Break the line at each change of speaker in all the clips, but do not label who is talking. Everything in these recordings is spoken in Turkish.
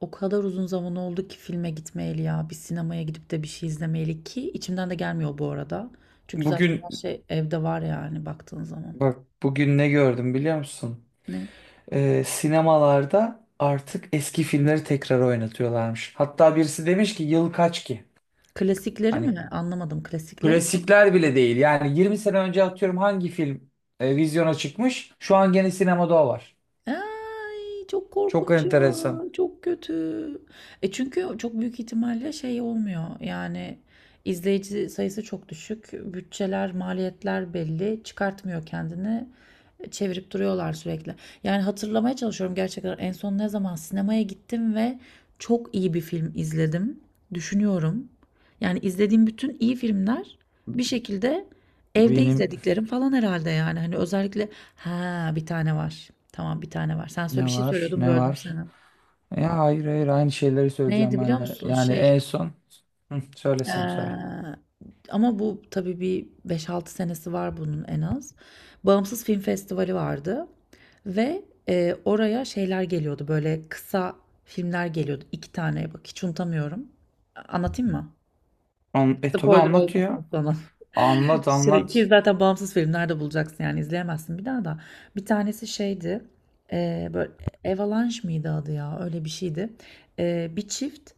O kadar uzun zaman oldu ki filme gitmeyeli ya. Bir sinemaya gidip de bir şey izlemeyeli ki içimden de gelmiyor bu arada. Çünkü zaten
Bugün
her şey evde var yani baktığın zaman.
bak bugün ne gördüm biliyor musun?
Ne?
Sinemalarda artık eski filmleri tekrar oynatıyorlarmış. Hatta birisi demiş ki yıl kaç ki?
Klasikleri
Hani
mi? Anlamadım. Klasikleri mi?
klasikler bile değil. Yani 20 sene önce atıyorum hangi film vizyona çıkmış? Şu an gene sinemada o var.
Ay çok
Çok
korkunç ya.
enteresan.
Çok kötü. E çünkü çok büyük ihtimalle şey olmuyor. Yani izleyici sayısı çok düşük. Bütçeler, maliyetler belli. Çıkartmıyor kendini. Çevirip duruyorlar sürekli. Yani hatırlamaya çalışıyorum gerçekten en son ne zaman sinemaya gittim ve çok iyi bir film izledim. Düşünüyorum. Yani izlediğim bütün iyi filmler bir şekilde evde
Benim
izlediklerim falan herhalde yani. Hani özellikle ha, bir tane var. Tamam, bir tane var. Sen söyle,
ne
bir şey
var
söylüyordun,
ne
böldüm
var?
seni.
Ya hayır hayır aynı şeyleri söyleyeceğim
Neydi biliyor
ben de.
musun?
Yani en son hı, söyle sen söyle.
Ee, ama bu tabii bir 5-6 senesi var bunun en az. Bağımsız Film Festivali vardı ve oraya şeyler geliyordu, böyle kısa filmler geliyordu. İki tane, bak, hiç unutamıyorum. Anlatayım mı?
An tabii
Spoiler
anlat ya.
olmasın sana.
Anlat
Ki
anlat.
zaten bağımsız filmlerde bulacaksın, yani izleyemezsin bir daha da. Bir tanesi şeydi, böyle Avalanche mıydı adı, ya öyle bir şeydi. E, bir çift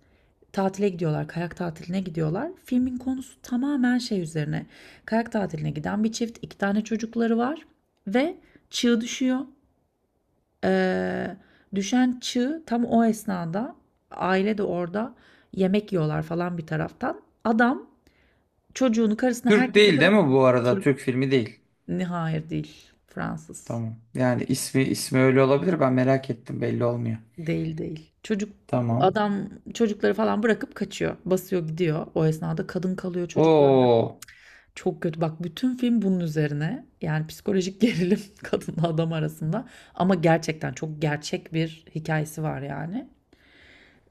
tatile gidiyorlar, kayak tatiline gidiyorlar. Filmin konusu tamamen şey üzerine: kayak tatiline giden bir çift, iki tane çocukları var ve çığ düşüyor. E, düşen çığ tam o esnada, aile de orada yemek yiyorlar falan bir taraftan. Adam çocuğunu, karısını,
Türk
herkesi
değil değil
bırak.
mi bu arada?
Türk
Türk filmi değil.
ne, hayır değil. Fransız.
Tamam. Yani ismi ismi öyle olabilir. Ben merak ettim. Belli olmuyor.
Değil değil.
Tamam.
Adam çocukları falan bırakıp kaçıyor. Basıyor gidiyor. O esnada kadın kalıyor çocuklarına.
Oo,
Çok kötü. Bak, bütün film bunun üzerine. Yani psikolojik gerilim kadınla adam arasında. Ama gerçekten çok gerçek bir hikayesi var yani.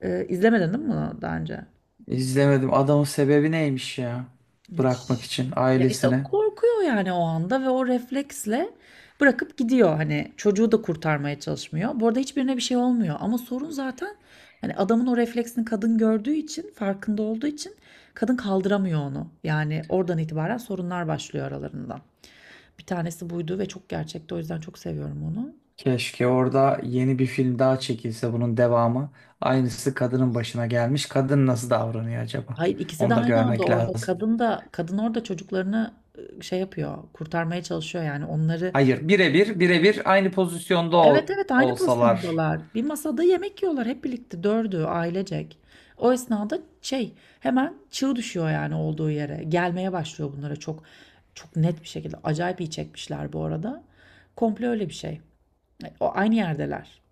İzlemedin değil mi bunu daha önce?
izlemedim. Adamın sebebi neymiş ya?
Hiç.
Bırakmak için
Ya işte o
ailesine.
korkuyor yani o anda, ve o refleksle bırakıp gidiyor, hani çocuğu da kurtarmaya çalışmıyor. Bu arada hiçbirine bir şey olmuyor, ama sorun zaten hani adamın o refleksini kadın gördüğü için, farkında olduğu için kadın kaldıramıyor onu. Yani oradan itibaren sorunlar başlıyor aralarında. Bir tanesi buydu ve çok gerçekti, o yüzden çok seviyorum onu.
Keşke orada yeni bir film daha çekilse bunun devamı. Aynısı kadının başına gelmiş. Kadın nasıl davranıyor acaba?
Hayır, ikisi de
Onu da
aynı anda
görmek
orada,
lazım.
kadın orada çocuklarını, şey yapıyor, kurtarmaya çalışıyor yani onları.
Hayır, birebir birebir aynı pozisyonda
Evet, evet, aynı
olsalar.
pozisyondalar. Bir masada yemek yiyorlar hep birlikte, dördü ailecek. O esnada şey, hemen çığ düşüyor yani olduğu yere. Gelmeye başlıyor bunlara çok çok net bir şekilde. Acayip iyi çekmişler bu arada. Komple öyle bir şey. E, o aynı yerdeler.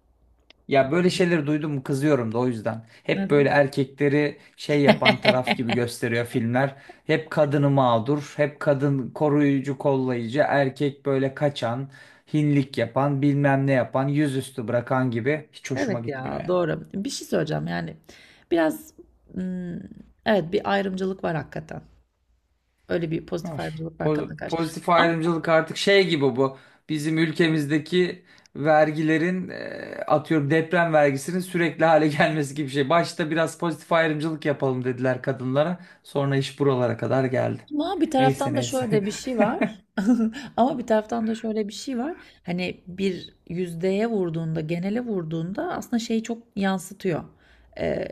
Ya böyle
Birlikte.
şeyleri duydum kızıyorum da o yüzden. Hep böyle
Neden?
erkekleri şey yapan taraf gibi gösteriyor filmler. Hep kadını mağdur, hep kadın koruyucu, kollayıcı, erkek böyle kaçan, hinlik yapan, bilmem ne yapan, yüzüstü bırakan gibi hiç hoşuma
Evet,
gitmiyor
ya
ya.
doğru. Bir şey söyleyeceğim yani, biraz mm, evet, bir ayrımcılık var hakikaten. Öyle bir pozitif
Var.
ayrımcılık var kadına karşı.
Pozitif ayrımcılık artık şey gibi bu. Bizim ülkemizdeki vergilerin atıyorum deprem vergisinin sürekli hale gelmesi gibi bir şey. Başta biraz pozitif ayrımcılık yapalım dediler kadınlara. Sonra iş buralara kadar geldi.
Ama bir
Neyse
taraftan da
neyse.
şöyle bir şey var. Ama bir taraftan da şöyle bir şey var. Hani bir yüzdeye vurduğunda, genele vurduğunda aslında şeyi çok yansıtıyor. Ee,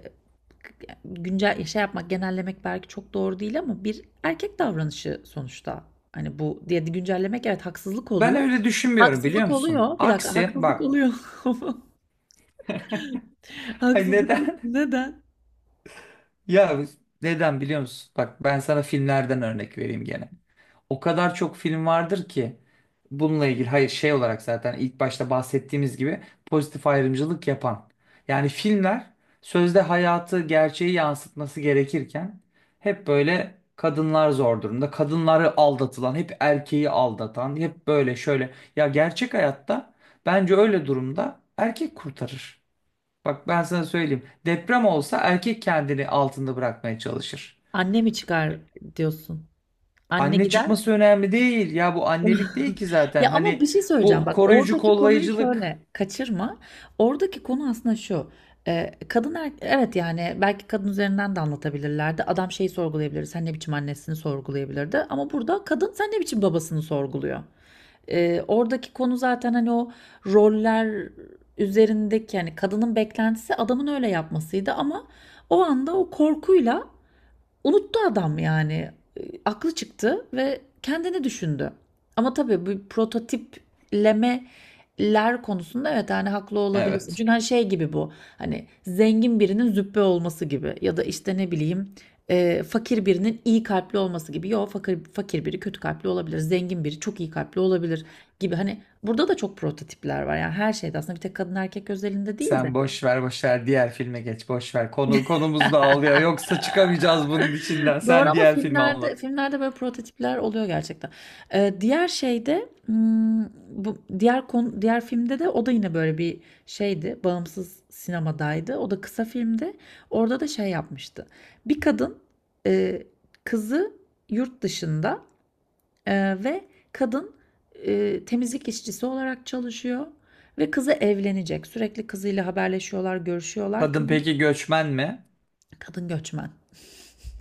Güncel şey yapmak, genellemek belki çok doğru değil, ama bir erkek davranışı sonuçta. Hani bu diye güncellemek, evet, haksızlık
Ben
oluyor.
öyle düşünmüyorum biliyor
Haksızlık
musun?
oluyor. Bir dakika,
Aksi
haksızlık
bak.
oluyor.
Ay
Haksızlık
neden?
neden?
Ya neden biliyor musun? Bak ben sana filmlerden örnek vereyim gene. O kadar çok film vardır ki bununla ilgili hayır şey olarak zaten ilk başta bahsettiğimiz gibi pozitif ayrımcılık yapan. Yani filmler sözde hayatı gerçeği yansıtması gerekirken hep böyle kadınlar zor durumda. Kadınları aldatılan, hep erkeği aldatan, hep böyle şöyle. Ya gerçek hayatta bence öyle durumda erkek kurtarır. Bak ben sana söyleyeyim. Deprem olsa erkek kendini altında bırakmaya çalışır.
Anne mi çıkar diyorsun? Anne
Anne
gider.
çıkması önemli değil. Ya bu annelik değil ki zaten.
Ya ama
Hani
bir şey söyleyeceğim.
bu
Bak,
koruyucu
oradaki konuyu
kollayıcılık.
şöyle kaçırma. Oradaki konu aslında şu: Evet, yani belki kadın üzerinden de anlatabilirlerdi. Adam şeyi sorgulayabilir. Sen ne biçim annesini sorgulayabilirdi. Ama burada kadın, sen ne biçim babasını sorguluyor. Oradaki konu zaten hani o roller üzerindeki, yani kadının beklentisi adamın öyle yapmasıydı, ama o anda o korkuyla unuttu adam yani. E, aklı çıktı ve kendini düşündü. Ama tabii bu prototiplemeler konusunda, evet, yani haklı olabilirsin.
Evet.
Çünkü hani şey gibi bu, hani zengin birinin züppe olması gibi, ya da işte ne bileyim, fakir birinin iyi kalpli olması gibi. Yok, fakir biri kötü kalpli olabilir, zengin biri çok iyi kalpli olabilir gibi. Hani burada da çok prototipler var yani, her şeyde aslında, bir tek kadın erkek özelinde değil de.
Sen boş ver boş ver diğer filme geç boş ver. Konu konumuz da ağlıyor. Yoksa çıkamayacağız bunun içinden.
Doğru,
Sen
ama
diğer filmi
filmlerde,
anlat.
böyle prototipler oluyor gerçekten. Diğer şeyde, bu diğer konu, diğer filmde de, o da yine böyle bir şeydi, bağımsız sinemadaydı. O da kısa filmdi. Orada da şey yapmıştı. Bir kadın, eee, kızı yurt dışında, ve kadın, temizlik işçisi olarak çalışıyor ve kızı evlenecek. Sürekli kızıyla haberleşiyorlar, görüşüyorlar.
Kadın peki göçmen mi?
Kadın göçmen.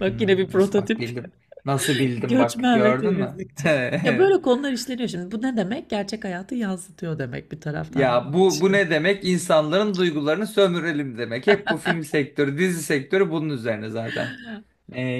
Bak, yine bir
Hmm, nasıl bak
prototip.
bildim. Nasıl bildim bak
Göçmen ve
gördün mü?
temizlikçi. Ya böyle konular işleniyor şimdi. Bu ne demek? Gerçek hayatı yansıtıyor demek bir taraftan.
Ya bu bu
İşte,
ne demek? İnsanların duygularını sömürelim demek. Hep bu film sektörü, dizi sektörü bunun üzerine zaten.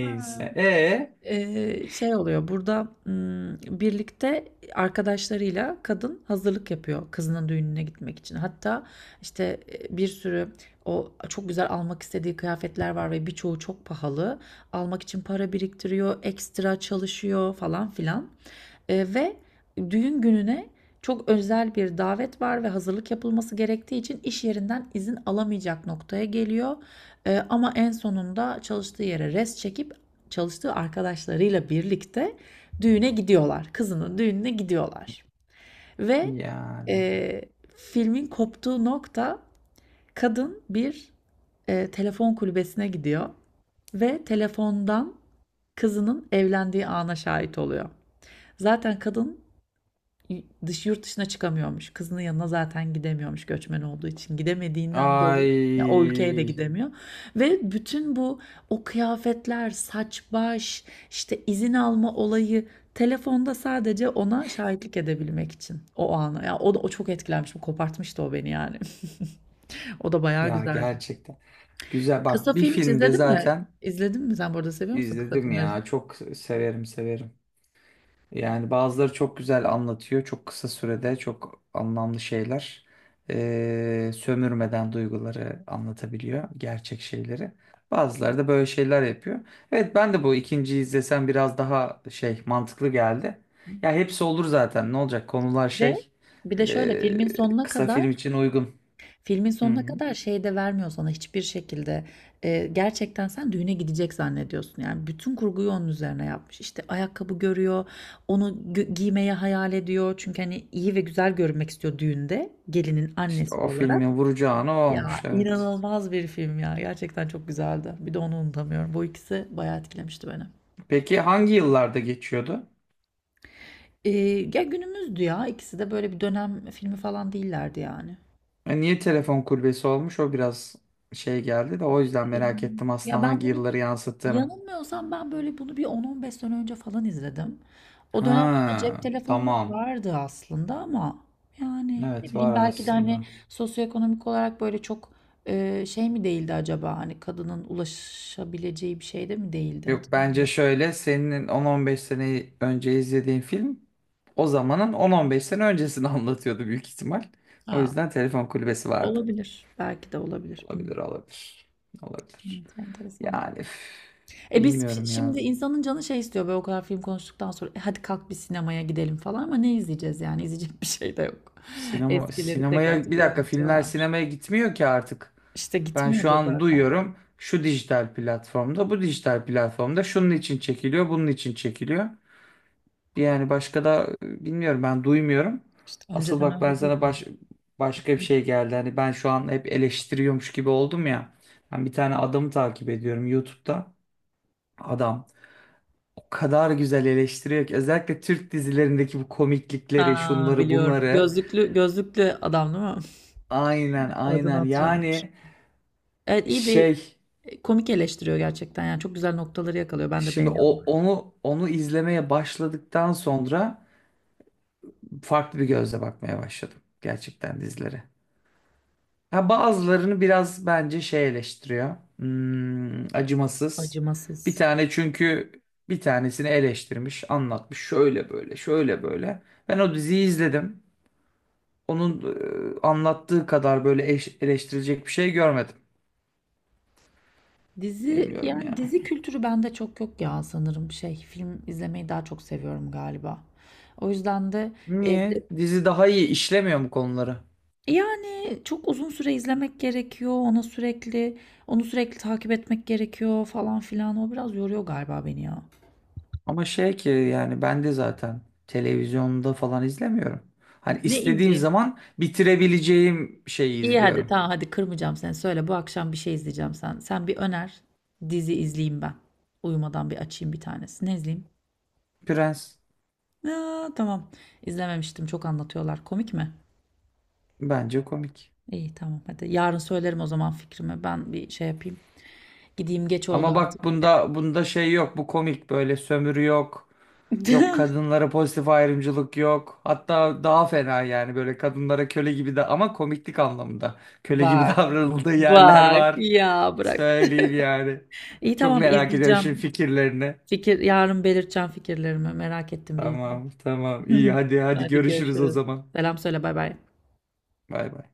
ha. Şey oluyor burada, birlikte arkadaşlarıyla kadın hazırlık yapıyor kızının düğününe gitmek için. Hatta işte, bir sürü o çok güzel almak istediği kıyafetler var ve birçoğu çok pahalı. Almak için para biriktiriyor, ekstra çalışıyor falan filan. Ve düğün gününe çok özel bir davet var ve hazırlık yapılması gerektiği için iş yerinden izin alamayacak noktaya geliyor. Ama en sonunda çalıştığı yere res çekip, çalıştığı arkadaşlarıyla birlikte düğüne gidiyorlar. Kızının düğününe gidiyorlar.
E
Ve
yani.
eee, filmin koptuğu nokta: kadın bir telefon kulübesine gidiyor ve telefondan kızının evlendiği ana şahit oluyor. Zaten kadın yurt dışına çıkamıyormuş. Kızının yanına zaten gidemiyormuş, göçmen olduğu için. Gidemediğinden dolayı ya o ülkeye de
Ay
gidemiyor. Ve bütün bu, o kıyafetler, saç baş, işte izin alma olayı, telefonda sadece ona şahitlik edebilmek için o ana. Ya o da o çok etkilenmiş. Bu kopartmıştı o beni yani. O da bayağı
ya
güzeldi.
gerçekten. Güzel
Kısa
bak bir
film hiç
filmde
izledin mi?
zaten
İzledin mi? Sen bu arada seviyor musun kısa
izledim
filmleri?
ya. Çok severim severim. Yani bazıları çok güzel anlatıyor. Çok kısa sürede çok anlamlı şeyler. Sömürmeden duyguları anlatabiliyor. Gerçek şeyleri. Bazıları da böyle şeyler yapıyor. Evet ben de bu ikinciyi izlesem biraz daha şey mantıklı geldi. Ya hepsi olur zaten. Ne olacak? Konular
Ve
şey
bir de şöyle,
ee,
filmin sonuna
kısa
kadar
film için uygun.
Filmin
Hı,
sonuna kadar şey de vermiyor sana hiçbir şekilde. Gerçekten sen düğüne gidecek zannediyorsun. Yani bütün kurguyu onun üzerine yapmış. İşte ayakkabı görüyor, onu giymeyi hayal ediyor. Çünkü hani iyi ve güzel görünmek istiyor düğünde gelinin
İşte
annesi
o
olarak.
filmin vuracağını o olmuş
Ya
evet.
inanılmaz bir film ya. Gerçekten çok güzeldi. Bir de onu unutamıyorum. Bu ikisi bayağı etkilemişti beni.
Peki hangi yıllarda geçiyordu?
Ee, Ya günümüzdü ya. İkisi de böyle bir dönem filmi falan değillerdi yani.
Niye telefon kulübesi olmuş? O biraz şey geldi de o yüzden merak
Film-
ettim
Ya
aslında
ben
hangi
bunu
yılları yansıttığını.
Yanılmıyorsam ben böyle bunu bir 10-15 sene önce falan izledim. O dönemde de cep
Ha,
telefonları
tamam.
vardı aslında ama, yani ne
Evet var
bileyim, belki de hani
aslında.
sosyoekonomik olarak böyle çok şey mi değildi acaba? Hani kadının ulaşabileceği bir şey de mi değildi?
Yok bence
Hatırlamıyorum.
şöyle senin 10-15 sene önce izlediğin film o zamanın 10-15 sene öncesini anlatıyordu büyük ihtimal. O
Ha,
yüzden telefon kulübesi vardı.
olabilir. Belki de olabilir.
Olabilir
Bilmiyorum.
olabilir. Olabilir.
Evet, enteresandı.
Yani üf,
E biz
bilmiyorum ya.
şimdi, insanın canı şey istiyor böyle o kadar film konuştuktan sonra, "E hadi kalk bir sinemaya gidelim" falan, ama ne izleyeceğiz, yani izleyecek bir şey de yok.
Sinema
Eskileri tekrar
sinemaya bir
tekrar
dakika filmler
oynatıyorlarmış.
sinemaya gitmiyor ki artık.
İşte
Ben
gitmiyor
şu
da
an
zaten.
duyuyorum şu dijital platformda, bu dijital platformda şunun için çekiliyor, bunun için çekiliyor. Yani başka da bilmiyorum ben duymuyorum.
İşte
Asıl
önceden
bak ben
öyle
sana
değildi.
başka bir şey geldi. Hani ben şu an hep eleştiriyormuş gibi oldum ya. Ben bir tane adamı takip ediyorum YouTube'da. Adam o kadar güzel eleştiriyor ki özellikle Türk dizilerindeki bu komiklikleri,
Aa,
şunları,
biliyorum.
bunları.
Gözlüklü gözlüklü adam değil mi?
Aynen
Adını
aynen
hatırlamadım
yani
şimdi. Evet, iyi bir,
şey
komik eleştiriyor gerçekten, yani çok güzel noktaları yakalıyor. Ben de
şimdi
beğeniyorum.
onu izlemeye başladıktan sonra farklı bir gözle bakmaya başladım gerçekten dizilere. Ha bazılarını biraz bence şey eleştiriyor. Hmm, acımasız. Bir
Acımasız.
tane çünkü bir tanesini eleştirmiş, anlatmış şöyle böyle, şöyle böyle. Ben o diziyi izledim. Onun anlattığı kadar böyle eleştirilecek bir şey görmedim.
Dizi,
Bilmiyorum
yani
ya.
dizi kültürü bende çok yok ya, sanırım şey, film izlemeyi daha çok seviyorum galiba. O yüzden de, e, bir
Niye?
de-
Dizi daha iyi işlemiyor mu konuları?
yani çok uzun süre izlemek gerekiyor, ona sürekli onu sürekli takip etmek gerekiyor falan filan, o biraz yoruyor galiba beni ya.
Ama şey ki yani ben de zaten televizyonda falan izlemiyorum. Hani
Ne
istediğim
izleyeyim?
zaman bitirebileceğim şeyi
İyi, hadi
izliyorum.
tamam, hadi kırmayacağım seni, söyle, bu akşam bir şey izleyeceğim sen. Sen bir öner, dizi izleyeyim ben. Uyumadan bir açayım bir tanesi. Ne izleyeyim?
Prens
Aa, tamam, izlememiştim, çok anlatıyorlar, komik mi?
bence komik.
İyi, tamam hadi. Yarın söylerim o zaman fikrimi. Ben bir şey yapayım. Gideyim, geç oldu
Ama
artık.
bak
Evet.
bunda bunda şey yok. Bu komik böyle sömürü yok. Yok kadınlara pozitif ayrımcılık yok. Hatta daha fena yani böyle kadınlara köle gibi de ama komiklik anlamında. Köle gibi
Bak.
davranıldığı yerler
Bak
var.
ya, bırak.
Söyleyeyim yani.
İyi
Çok
tamam,
merak ediyorum şimdi
izleyeceğim.
fikirlerini.
Yarın belirteceğim fikirlerimi. Merak ettim, bir izleyeyim.
Tamam tamam iyi hadi hadi
Hadi
görüşürüz o
görüşürüz.
zaman.
Selam söyle, bay bay.
Bay bay.